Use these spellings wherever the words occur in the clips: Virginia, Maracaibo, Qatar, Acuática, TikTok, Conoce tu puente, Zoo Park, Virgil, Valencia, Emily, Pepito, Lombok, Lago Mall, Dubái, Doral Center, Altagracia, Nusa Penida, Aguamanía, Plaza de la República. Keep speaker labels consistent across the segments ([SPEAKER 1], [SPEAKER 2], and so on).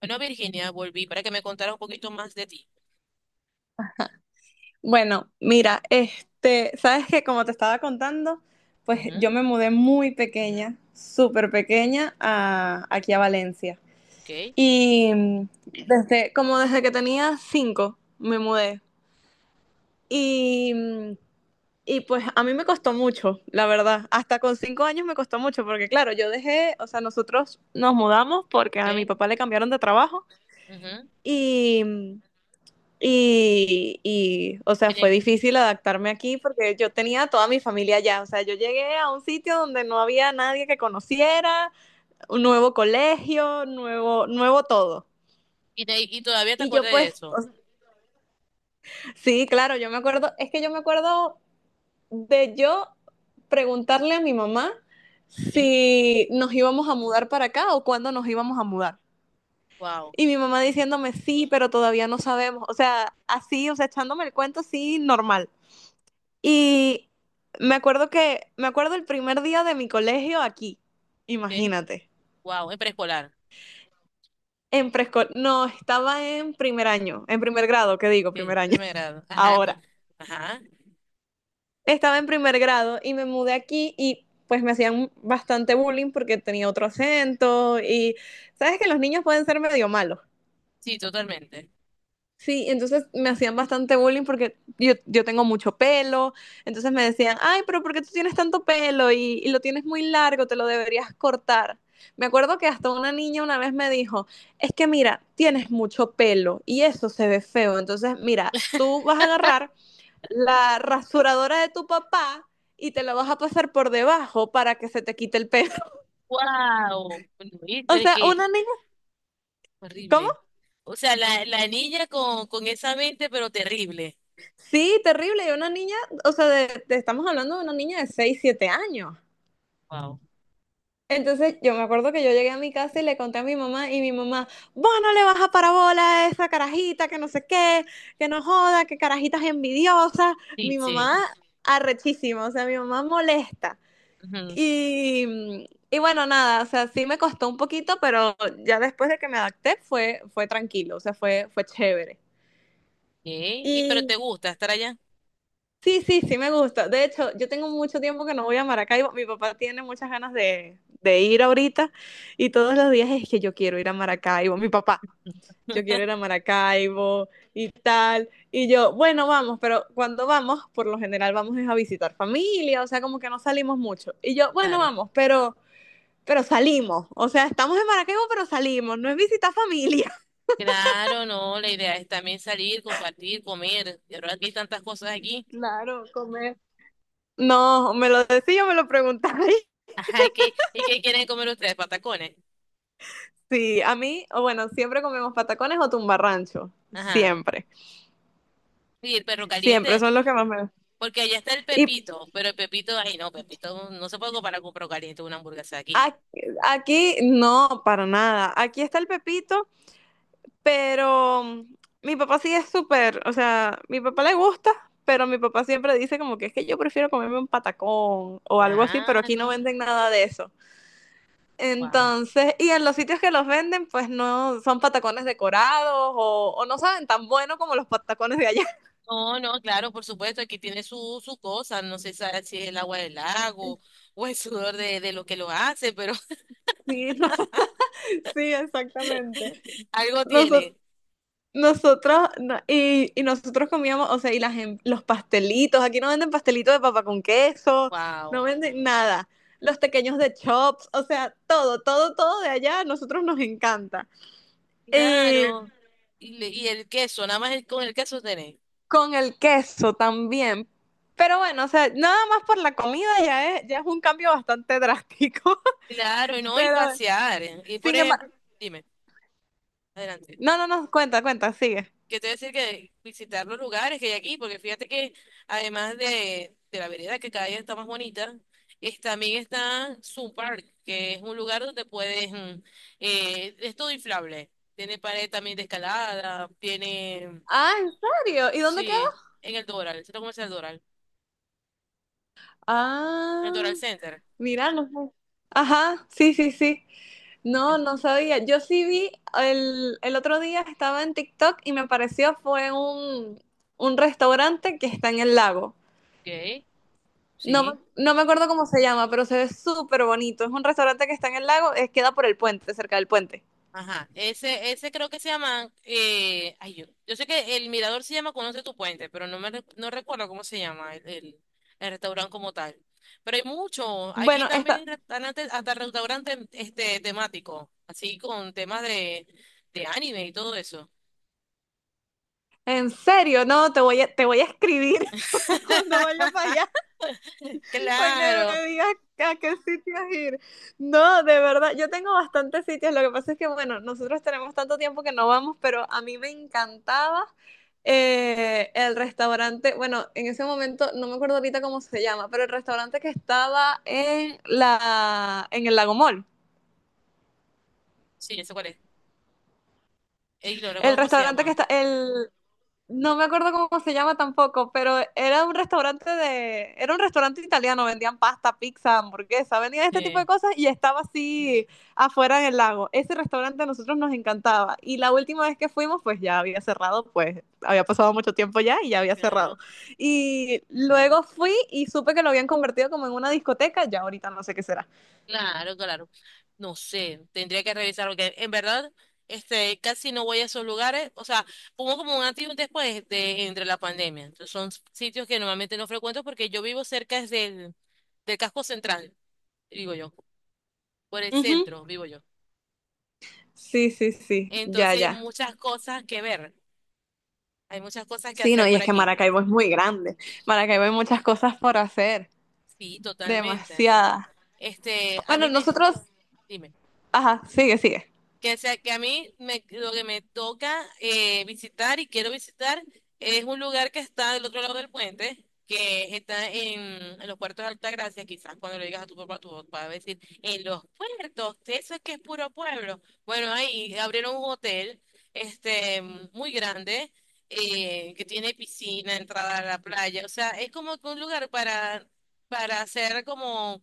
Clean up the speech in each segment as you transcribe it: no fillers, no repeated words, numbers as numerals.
[SPEAKER 1] Bueno, Virginia, volví para que me contara un poquito más de ti.
[SPEAKER 2] Bueno, mira, sabes que como te estaba contando, pues yo
[SPEAKER 1] Ujú,
[SPEAKER 2] me mudé muy pequeña, súper pequeña, aquí a Valencia.
[SPEAKER 1] ok,
[SPEAKER 2] Y mm, como desde que tenía 5, me mudé. Y, mm, y pues a mí me costó mucho, la verdad. Hasta con 5 años me costó mucho, porque claro, yo dejé, o sea, nosotros nos mudamos porque a mi
[SPEAKER 1] ok,
[SPEAKER 2] papá le cambiaron de trabajo.
[SPEAKER 1] ujú.
[SPEAKER 2] y mm, y, o sea,
[SPEAKER 1] Tenía
[SPEAKER 2] fue
[SPEAKER 1] que-
[SPEAKER 2] difícil adaptarme aquí porque yo tenía toda mi familia allá. O sea, yo llegué a un sitio donde no había nadie que conociera, un nuevo colegio, nuevo, nuevo todo.
[SPEAKER 1] y todavía te
[SPEAKER 2] Y yo
[SPEAKER 1] acuerdas de
[SPEAKER 2] pues, o
[SPEAKER 1] eso?
[SPEAKER 2] sea, sí, claro, yo me acuerdo, es que yo me acuerdo de yo preguntarle a mi mamá
[SPEAKER 1] Okay,
[SPEAKER 2] si nos íbamos a mudar para acá o cuándo nos íbamos a mudar.
[SPEAKER 1] wow,
[SPEAKER 2] Y mi mamá diciéndome, sí, pero todavía no sabemos. O sea, así, o sea, echándome el cuento, sí, normal. Y me acuerdo el primer día de mi colegio aquí,
[SPEAKER 1] ok,
[SPEAKER 2] imagínate,
[SPEAKER 1] wow, en preescolar,
[SPEAKER 2] en preescolar, no, estaba en primer año, en primer grado, ¿qué digo? Primer
[SPEAKER 1] ok,
[SPEAKER 2] año,
[SPEAKER 1] primer grado. Ajá, pues,
[SPEAKER 2] ahora.
[SPEAKER 1] ajá,
[SPEAKER 2] Estaba en primer grado y me mudé aquí y pues me hacían bastante bullying porque tenía otro acento y sabes que los niños pueden ser medio malos.
[SPEAKER 1] sí, totalmente.
[SPEAKER 2] Sí, entonces me hacían bastante bullying porque yo tengo mucho pelo, entonces me decían, ay, pero ¿por qué tú tienes tanto pelo y lo tienes muy largo, te lo deberías cortar? Me acuerdo que hasta una niña una vez me dijo, es que mira, tienes mucho pelo y eso se ve feo, entonces mira, tú vas a agarrar la rasuradora de tu papá y te la vas a pasar por debajo para que se te quite el pelo.
[SPEAKER 1] Wow, pero
[SPEAKER 2] O
[SPEAKER 1] es
[SPEAKER 2] sea,
[SPEAKER 1] que
[SPEAKER 2] una niña, ¿cómo?
[SPEAKER 1] horrible. O sea, la niña con esa mente, pero terrible.
[SPEAKER 2] Sí, terrible, y una niña, o sea, estamos hablando de una niña de 6 o 7 años.
[SPEAKER 1] Wow,
[SPEAKER 2] Entonces yo me acuerdo que yo llegué a mi casa y le conté a mi mamá y mi mamá, vos no le vas a parabola a esa carajita que no sé qué, que no joda, que carajitas envidiosas.
[SPEAKER 1] sí,
[SPEAKER 2] Mi mamá
[SPEAKER 1] sí.
[SPEAKER 2] arrechísima, o sea, mi mamá molesta.
[SPEAKER 1] Ujú, ok.
[SPEAKER 2] Y bueno, nada, o sea, sí me costó un poquito, pero ya después de que me adapté fue tranquilo, o sea, fue chévere.
[SPEAKER 1] Y pero te
[SPEAKER 2] Y
[SPEAKER 1] gusta estar allá?
[SPEAKER 2] sí, sí, sí me gusta. De hecho, yo tengo mucho tiempo que no voy a Maracaibo. Mi papá tiene muchas ganas de ir ahorita y todos los días es que yo quiero ir a Maracaibo. Mi papá, yo quiero ir a Maracaibo y tal. Y yo, bueno, vamos, pero cuando vamos, por lo general vamos es a visitar familia, o sea, como que no salimos mucho. Y yo, bueno,
[SPEAKER 1] Claro.
[SPEAKER 2] vamos, pero salimos. O sea, estamos en Maracaibo, pero salimos. No es visitar familia.
[SPEAKER 1] Claro, no, la idea es también salir, compartir, comer. De verdad que hay tantas cosas aquí.
[SPEAKER 2] Claro, comer. No, me lo decía, me lo preguntáis.
[SPEAKER 1] Ajá, ¿y qué quieren comer ustedes? Patacones.
[SPEAKER 2] Sí, a mí, o bueno, siempre comemos patacones o tumbarrancho.
[SPEAKER 1] Ajá.
[SPEAKER 2] Siempre.
[SPEAKER 1] Y el perro
[SPEAKER 2] Siempre
[SPEAKER 1] caliente,
[SPEAKER 2] son los que más me.
[SPEAKER 1] porque allá está el
[SPEAKER 2] Y
[SPEAKER 1] Pepito, pero el Pepito, ay no, Pepito no se puede comparar con perro caliente una hamburguesa aquí.
[SPEAKER 2] a- aquí, no, para nada. Aquí está el pepito, pero mi papá sí es súper. O sea, mi papá le gusta, pero mi papá siempre dice como que es que yo prefiero comerme un patacón o algo así, pero aquí no
[SPEAKER 1] Claro.
[SPEAKER 2] venden nada de eso.
[SPEAKER 1] Wow.
[SPEAKER 2] Entonces, y en los sitios que los venden, pues no son patacones decorados o no saben tan bueno como los patacones de allá.
[SPEAKER 1] No, no, claro, por supuesto, aquí tiene su cosa, no sé si es el agua del lago o el sudor de lo que lo hace, pero
[SPEAKER 2] Sí, no, sí, exactamente.
[SPEAKER 1] algo
[SPEAKER 2] Nosotros,
[SPEAKER 1] tiene.
[SPEAKER 2] y nosotros comíamos, o sea, y las, los pastelitos, aquí no venden pastelitos de papa con queso, no
[SPEAKER 1] Wow.
[SPEAKER 2] venden nada. Los pequeños de chops, o sea, todo, todo, todo de allá, a nosotros nos encanta. Eh,
[SPEAKER 1] Claro. Y el queso, nada más con el queso tenés.
[SPEAKER 2] con el queso también. Pero bueno, o sea, nada más por la comida ya es un cambio bastante drástico.
[SPEAKER 1] Claro, y no, y
[SPEAKER 2] Pero,
[SPEAKER 1] pasear. ¿Eh? Y por
[SPEAKER 2] sin
[SPEAKER 1] ejemplo,
[SPEAKER 2] embargo,
[SPEAKER 1] dime, adelante.
[SPEAKER 2] no, no, no, cuenta, cuenta, sigue.
[SPEAKER 1] Que te voy a decir que visitar los lugares que hay aquí, porque fíjate que además de la vereda que cada día está más bonita, también está Zoo Park, que es un lugar donde puedes, es todo inflable. Tiene pared también de escalada, tiene,
[SPEAKER 2] Ah, ¿en serio? ¿Y dónde queda?
[SPEAKER 1] sí, en el Doral, el centro comercial Doral, en el
[SPEAKER 2] Ah,
[SPEAKER 1] Doral Center.
[SPEAKER 2] mira, no sé. Ajá, sí, sí, sí. No, no sabía. Yo sí vi, el otro día estaba en TikTok y me pareció fue un restaurante que está en el lago.
[SPEAKER 1] Ok,
[SPEAKER 2] No,
[SPEAKER 1] sí.
[SPEAKER 2] no me acuerdo cómo se llama, pero se ve súper bonito. Es un restaurante que está en el lago, es, queda por el puente, cerca del puente.
[SPEAKER 1] Ajá, ese creo que se llama, ay, yo sé que el mirador se llama Conoce tu puente, pero no recuerdo cómo se llama el restaurante como tal. Pero hay muchos, aquí
[SPEAKER 2] Bueno,
[SPEAKER 1] también
[SPEAKER 2] está,
[SPEAKER 1] hay restaurantes, hasta restaurantes este, temáticos, así con temas de anime y todo eso.
[SPEAKER 2] en serio, no, te voy a escribir cuando vaya para allá. Para que
[SPEAKER 1] Claro,
[SPEAKER 2] me digas a qué sitios ir. No, de verdad, yo tengo bastantes sitios. Lo que pasa es que, bueno, nosotros tenemos tanto tiempo que no vamos, pero a mí me encantaba el restaurante. Bueno, en ese momento, no me acuerdo ahorita cómo se llama, pero el restaurante que estaba en el Lago Mall.
[SPEAKER 1] sí, ese cuál es. Y no
[SPEAKER 2] El
[SPEAKER 1] recuerdo cómo se
[SPEAKER 2] restaurante que
[SPEAKER 1] llama.
[SPEAKER 2] está, el, no me acuerdo cómo se llama tampoco, pero era un restaurante de, era un restaurante italiano, vendían pasta, pizza, hamburguesa, vendían este tipo de
[SPEAKER 1] Sí,
[SPEAKER 2] cosas y estaba así afuera en el lago. Ese restaurante a nosotros nos encantaba y la última vez que fuimos pues ya había cerrado, pues había pasado mucho tiempo ya y ya había cerrado.
[SPEAKER 1] claro.
[SPEAKER 2] Y luego fui y supe que lo habían convertido como en una discoteca, ya ahorita no sé qué será.
[SPEAKER 1] Claro, claro. No sé, tendría que revisar porque en verdad este casi no voy a esos lugares, o sea, hubo como un antes y un después de entre la pandemia. Entonces, son sitios que normalmente no frecuento porque yo vivo cerca es del casco central, digo yo, por el
[SPEAKER 2] Ujú.
[SPEAKER 1] centro vivo yo.
[SPEAKER 2] Sí, sí, sí, ya,
[SPEAKER 1] Entonces, hay
[SPEAKER 2] ya.
[SPEAKER 1] muchas cosas que ver, hay muchas cosas que
[SPEAKER 2] Sí, no,
[SPEAKER 1] hacer
[SPEAKER 2] y
[SPEAKER 1] por
[SPEAKER 2] es que
[SPEAKER 1] aquí.
[SPEAKER 2] Maracaibo es muy grande. Maracaibo hay muchas cosas por hacer.
[SPEAKER 1] Sí, totalmente.
[SPEAKER 2] Demasiada.
[SPEAKER 1] Este, a
[SPEAKER 2] Bueno,
[SPEAKER 1] mí me,
[SPEAKER 2] nosotros,
[SPEAKER 1] dime.
[SPEAKER 2] ajá, sigue, sigue.
[SPEAKER 1] Que sea que a mí me, lo que me toca visitar y quiero visitar es un lugar que está del otro lado del puente, que está en los puertos de Altagracia, quizás cuando le digas a tu papá va a decir, en los puertos, eso es que es puro pueblo. Bueno, ahí abrieron un hotel este, muy grande. Que tiene piscina, entrada a la playa, o sea, es como que un lugar para, hacer como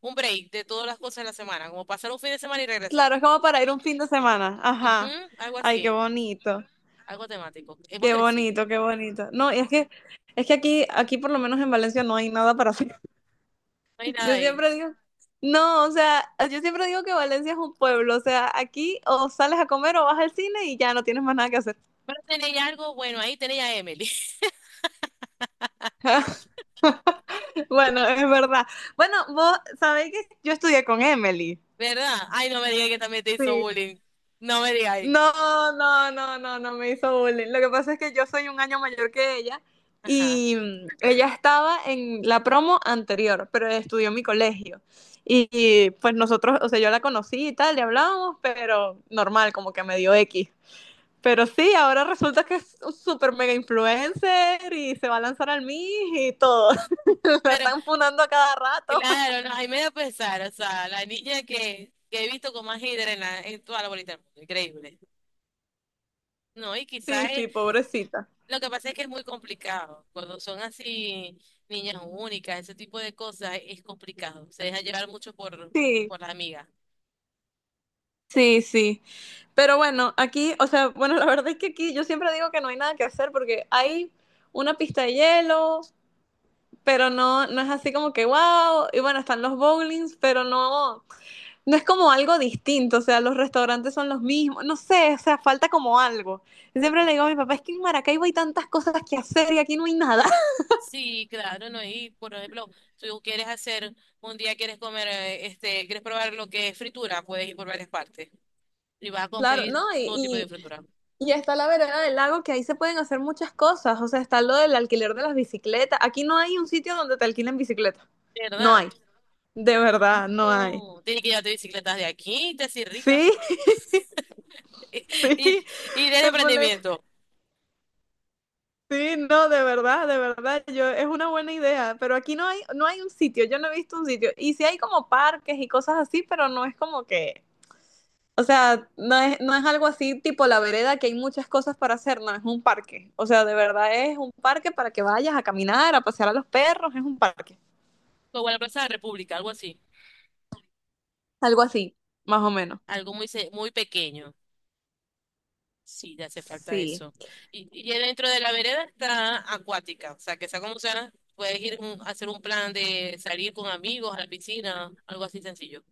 [SPEAKER 1] un break de todas las cosas de la semana, como pasar un fin de semana y regresar.
[SPEAKER 2] Claro, es como para ir un fin de semana.
[SPEAKER 1] Ujú,
[SPEAKER 2] Ajá.
[SPEAKER 1] algo
[SPEAKER 2] Ay, qué
[SPEAKER 1] así,
[SPEAKER 2] bonito.
[SPEAKER 1] algo temático. Hemos
[SPEAKER 2] Qué
[SPEAKER 1] crecido.
[SPEAKER 2] bonito, qué bonito. No, y es que aquí por lo menos en Valencia no hay nada para hacer.
[SPEAKER 1] No hay nada
[SPEAKER 2] Yo
[SPEAKER 1] ahí.
[SPEAKER 2] siempre digo, no, o sea, yo siempre digo que Valencia es un pueblo, o sea, aquí o sales a comer o vas al cine y ya no tienes más nada que hacer.
[SPEAKER 1] Pero tenéis algo bueno, ahí tenéis a Emily.
[SPEAKER 2] Bueno, es verdad. Bueno, vos sabéis que yo estudié con Emily.
[SPEAKER 1] ¿Verdad? Ay, no me digas que también te hizo
[SPEAKER 2] Sí.
[SPEAKER 1] bullying. No me digáis.
[SPEAKER 2] No, no, no, no, no me hizo bullying. Lo que pasa es que yo soy 1 año mayor que ella
[SPEAKER 1] Ajá.
[SPEAKER 2] ella estaba en la promo anterior, pero estudió en mi colegio. Pues nosotros, o sea, yo la conocí y tal, le hablábamos, pero normal, como que medio dio X. Pero sí, ahora resulta que es un super mega influencer y se va a lanzar al miss y todo. La
[SPEAKER 1] Pero
[SPEAKER 2] están funando a cada rato.
[SPEAKER 1] claro, no, ahí me da pesar. O sea, la niña que he visto con más hidra en, en toda la bolita del mundo. Increíble. No, y
[SPEAKER 2] Sí,
[SPEAKER 1] quizás
[SPEAKER 2] sí, pobrecita.
[SPEAKER 1] lo que pasa es que es muy complicado. Cuando son así niñas únicas, ese tipo de cosas, es complicado. Se deja llevar mucho por,
[SPEAKER 2] Sí,
[SPEAKER 1] por la amiga.
[SPEAKER 2] sí, sí. Pero bueno, aquí, o sea, bueno, la verdad es que aquí yo siempre digo que no hay nada que hacer porque hay una pista de hielo, pero no, no es así como que wow. Y bueno, están los bowlings, pero no, no es como algo distinto. O sea, los restaurantes son los mismos. No sé, o sea, falta como algo. Y siempre le digo a mi papá, es que en Maracaibo hay tantas cosas que hacer y aquí no hay nada.
[SPEAKER 1] Sí, claro, ¿no? Y por ejemplo, tú quieres hacer, un día quieres comer, este, quieres probar lo que es fritura, puedes ir por varias partes y vas a
[SPEAKER 2] Claro, no,
[SPEAKER 1] conseguir todo tipo de fritura.
[SPEAKER 2] y está la vereda del lago que ahí se pueden hacer muchas cosas. O sea, está lo del alquiler de las bicicletas. Aquí no hay un sitio donde te alquilen bicicleta. No
[SPEAKER 1] ¿Verdad?
[SPEAKER 2] hay. De
[SPEAKER 1] Ay,
[SPEAKER 2] verdad, no hay.
[SPEAKER 1] no. Tienes que llevarte bicicletas de aquí, te haces rica.
[SPEAKER 2] Sí,
[SPEAKER 1] Y, y
[SPEAKER 2] sí,
[SPEAKER 1] y de
[SPEAKER 2] me pone,
[SPEAKER 1] emprendimiento,
[SPEAKER 2] sí, no, de verdad, yo, es una buena idea, pero aquí no hay, no hay un sitio, yo no he visto un sitio, y sí hay como parques y cosas así, pero no es como que, o sea, no es, no es algo así tipo la vereda que hay muchas cosas para hacer, no, es un parque, o sea, de verdad es un parque para que vayas a caminar, a pasear a los perros, es un parque,
[SPEAKER 1] como la Plaza de la República, algo así.
[SPEAKER 2] algo así, más o menos,
[SPEAKER 1] Algo muy, muy pequeño. Sí, ya hace falta
[SPEAKER 2] sí.
[SPEAKER 1] eso. Y dentro de la vereda está acuática, o sea, que sea como sea, puedes ir a hacer un plan de salir con amigos a la piscina, algo así sencillo.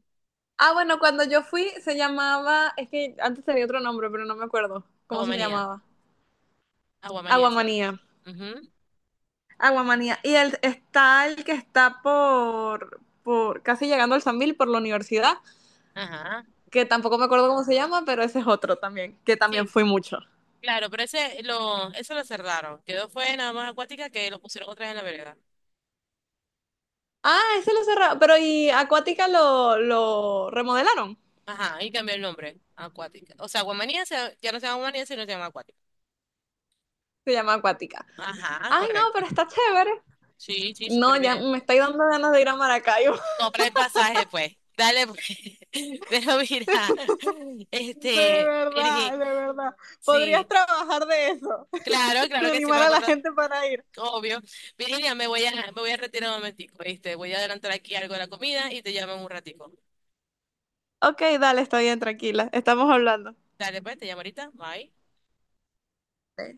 [SPEAKER 2] Ah, bueno, cuando yo fui se llamaba, es que antes tenía otro nombre, pero no me acuerdo cómo se
[SPEAKER 1] Aguamanía,
[SPEAKER 2] llamaba.
[SPEAKER 1] aguamanía se llama.
[SPEAKER 2] Aguamanía.
[SPEAKER 1] Ujú,
[SPEAKER 2] Aguamanía. Y el, está el que está por casi llegando al San Mil, por la universidad,
[SPEAKER 1] ajá,
[SPEAKER 2] que tampoco me acuerdo cómo se llama, pero ese es otro también, que también
[SPEAKER 1] sí,
[SPEAKER 2] fui mucho.
[SPEAKER 1] claro, pero eso lo cerraron. Quedó fue nada más acuática que lo pusieron otra vez en la vereda.
[SPEAKER 2] Ah, ese lo cerraron, pero y Acuática lo remodelaron.
[SPEAKER 1] Ajá, y cambió el nombre, acuática. O sea, aguamanía ya no se llama aguamanía, sino se llama acuática.
[SPEAKER 2] Se llama Acuática.
[SPEAKER 1] Ajá,
[SPEAKER 2] Ay, no,
[SPEAKER 1] correcto.
[SPEAKER 2] pero está chévere.
[SPEAKER 1] Sí, sí,
[SPEAKER 2] No,
[SPEAKER 1] súper
[SPEAKER 2] ya
[SPEAKER 1] bien.
[SPEAKER 2] me estoy dando ganas de ir a Maracaibo.
[SPEAKER 1] Compra el pasaje, pues. Dale, pues. Pero mira,
[SPEAKER 2] De
[SPEAKER 1] este,
[SPEAKER 2] verdad,
[SPEAKER 1] Virgil,
[SPEAKER 2] de verdad. Podrías
[SPEAKER 1] sí,
[SPEAKER 2] trabajar de eso.
[SPEAKER 1] claro, claro
[SPEAKER 2] De
[SPEAKER 1] que sí,
[SPEAKER 2] animar
[SPEAKER 1] para
[SPEAKER 2] a la
[SPEAKER 1] contra,
[SPEAKER 2] gente para ir.
[SPEAKER 1] obvio. Virginia, me voy a retirar un momentico, ¿viste? Voy a adelantar aquí algo de la comida y te llamo en un ratico.
[SPEAKER 2] Ok, dale, está bien, tranquila. Estamos hablando.
[SPEAKER 1] Dale, pues, te llamo ahorita. Bye.
[SPEAKER 2] Ok.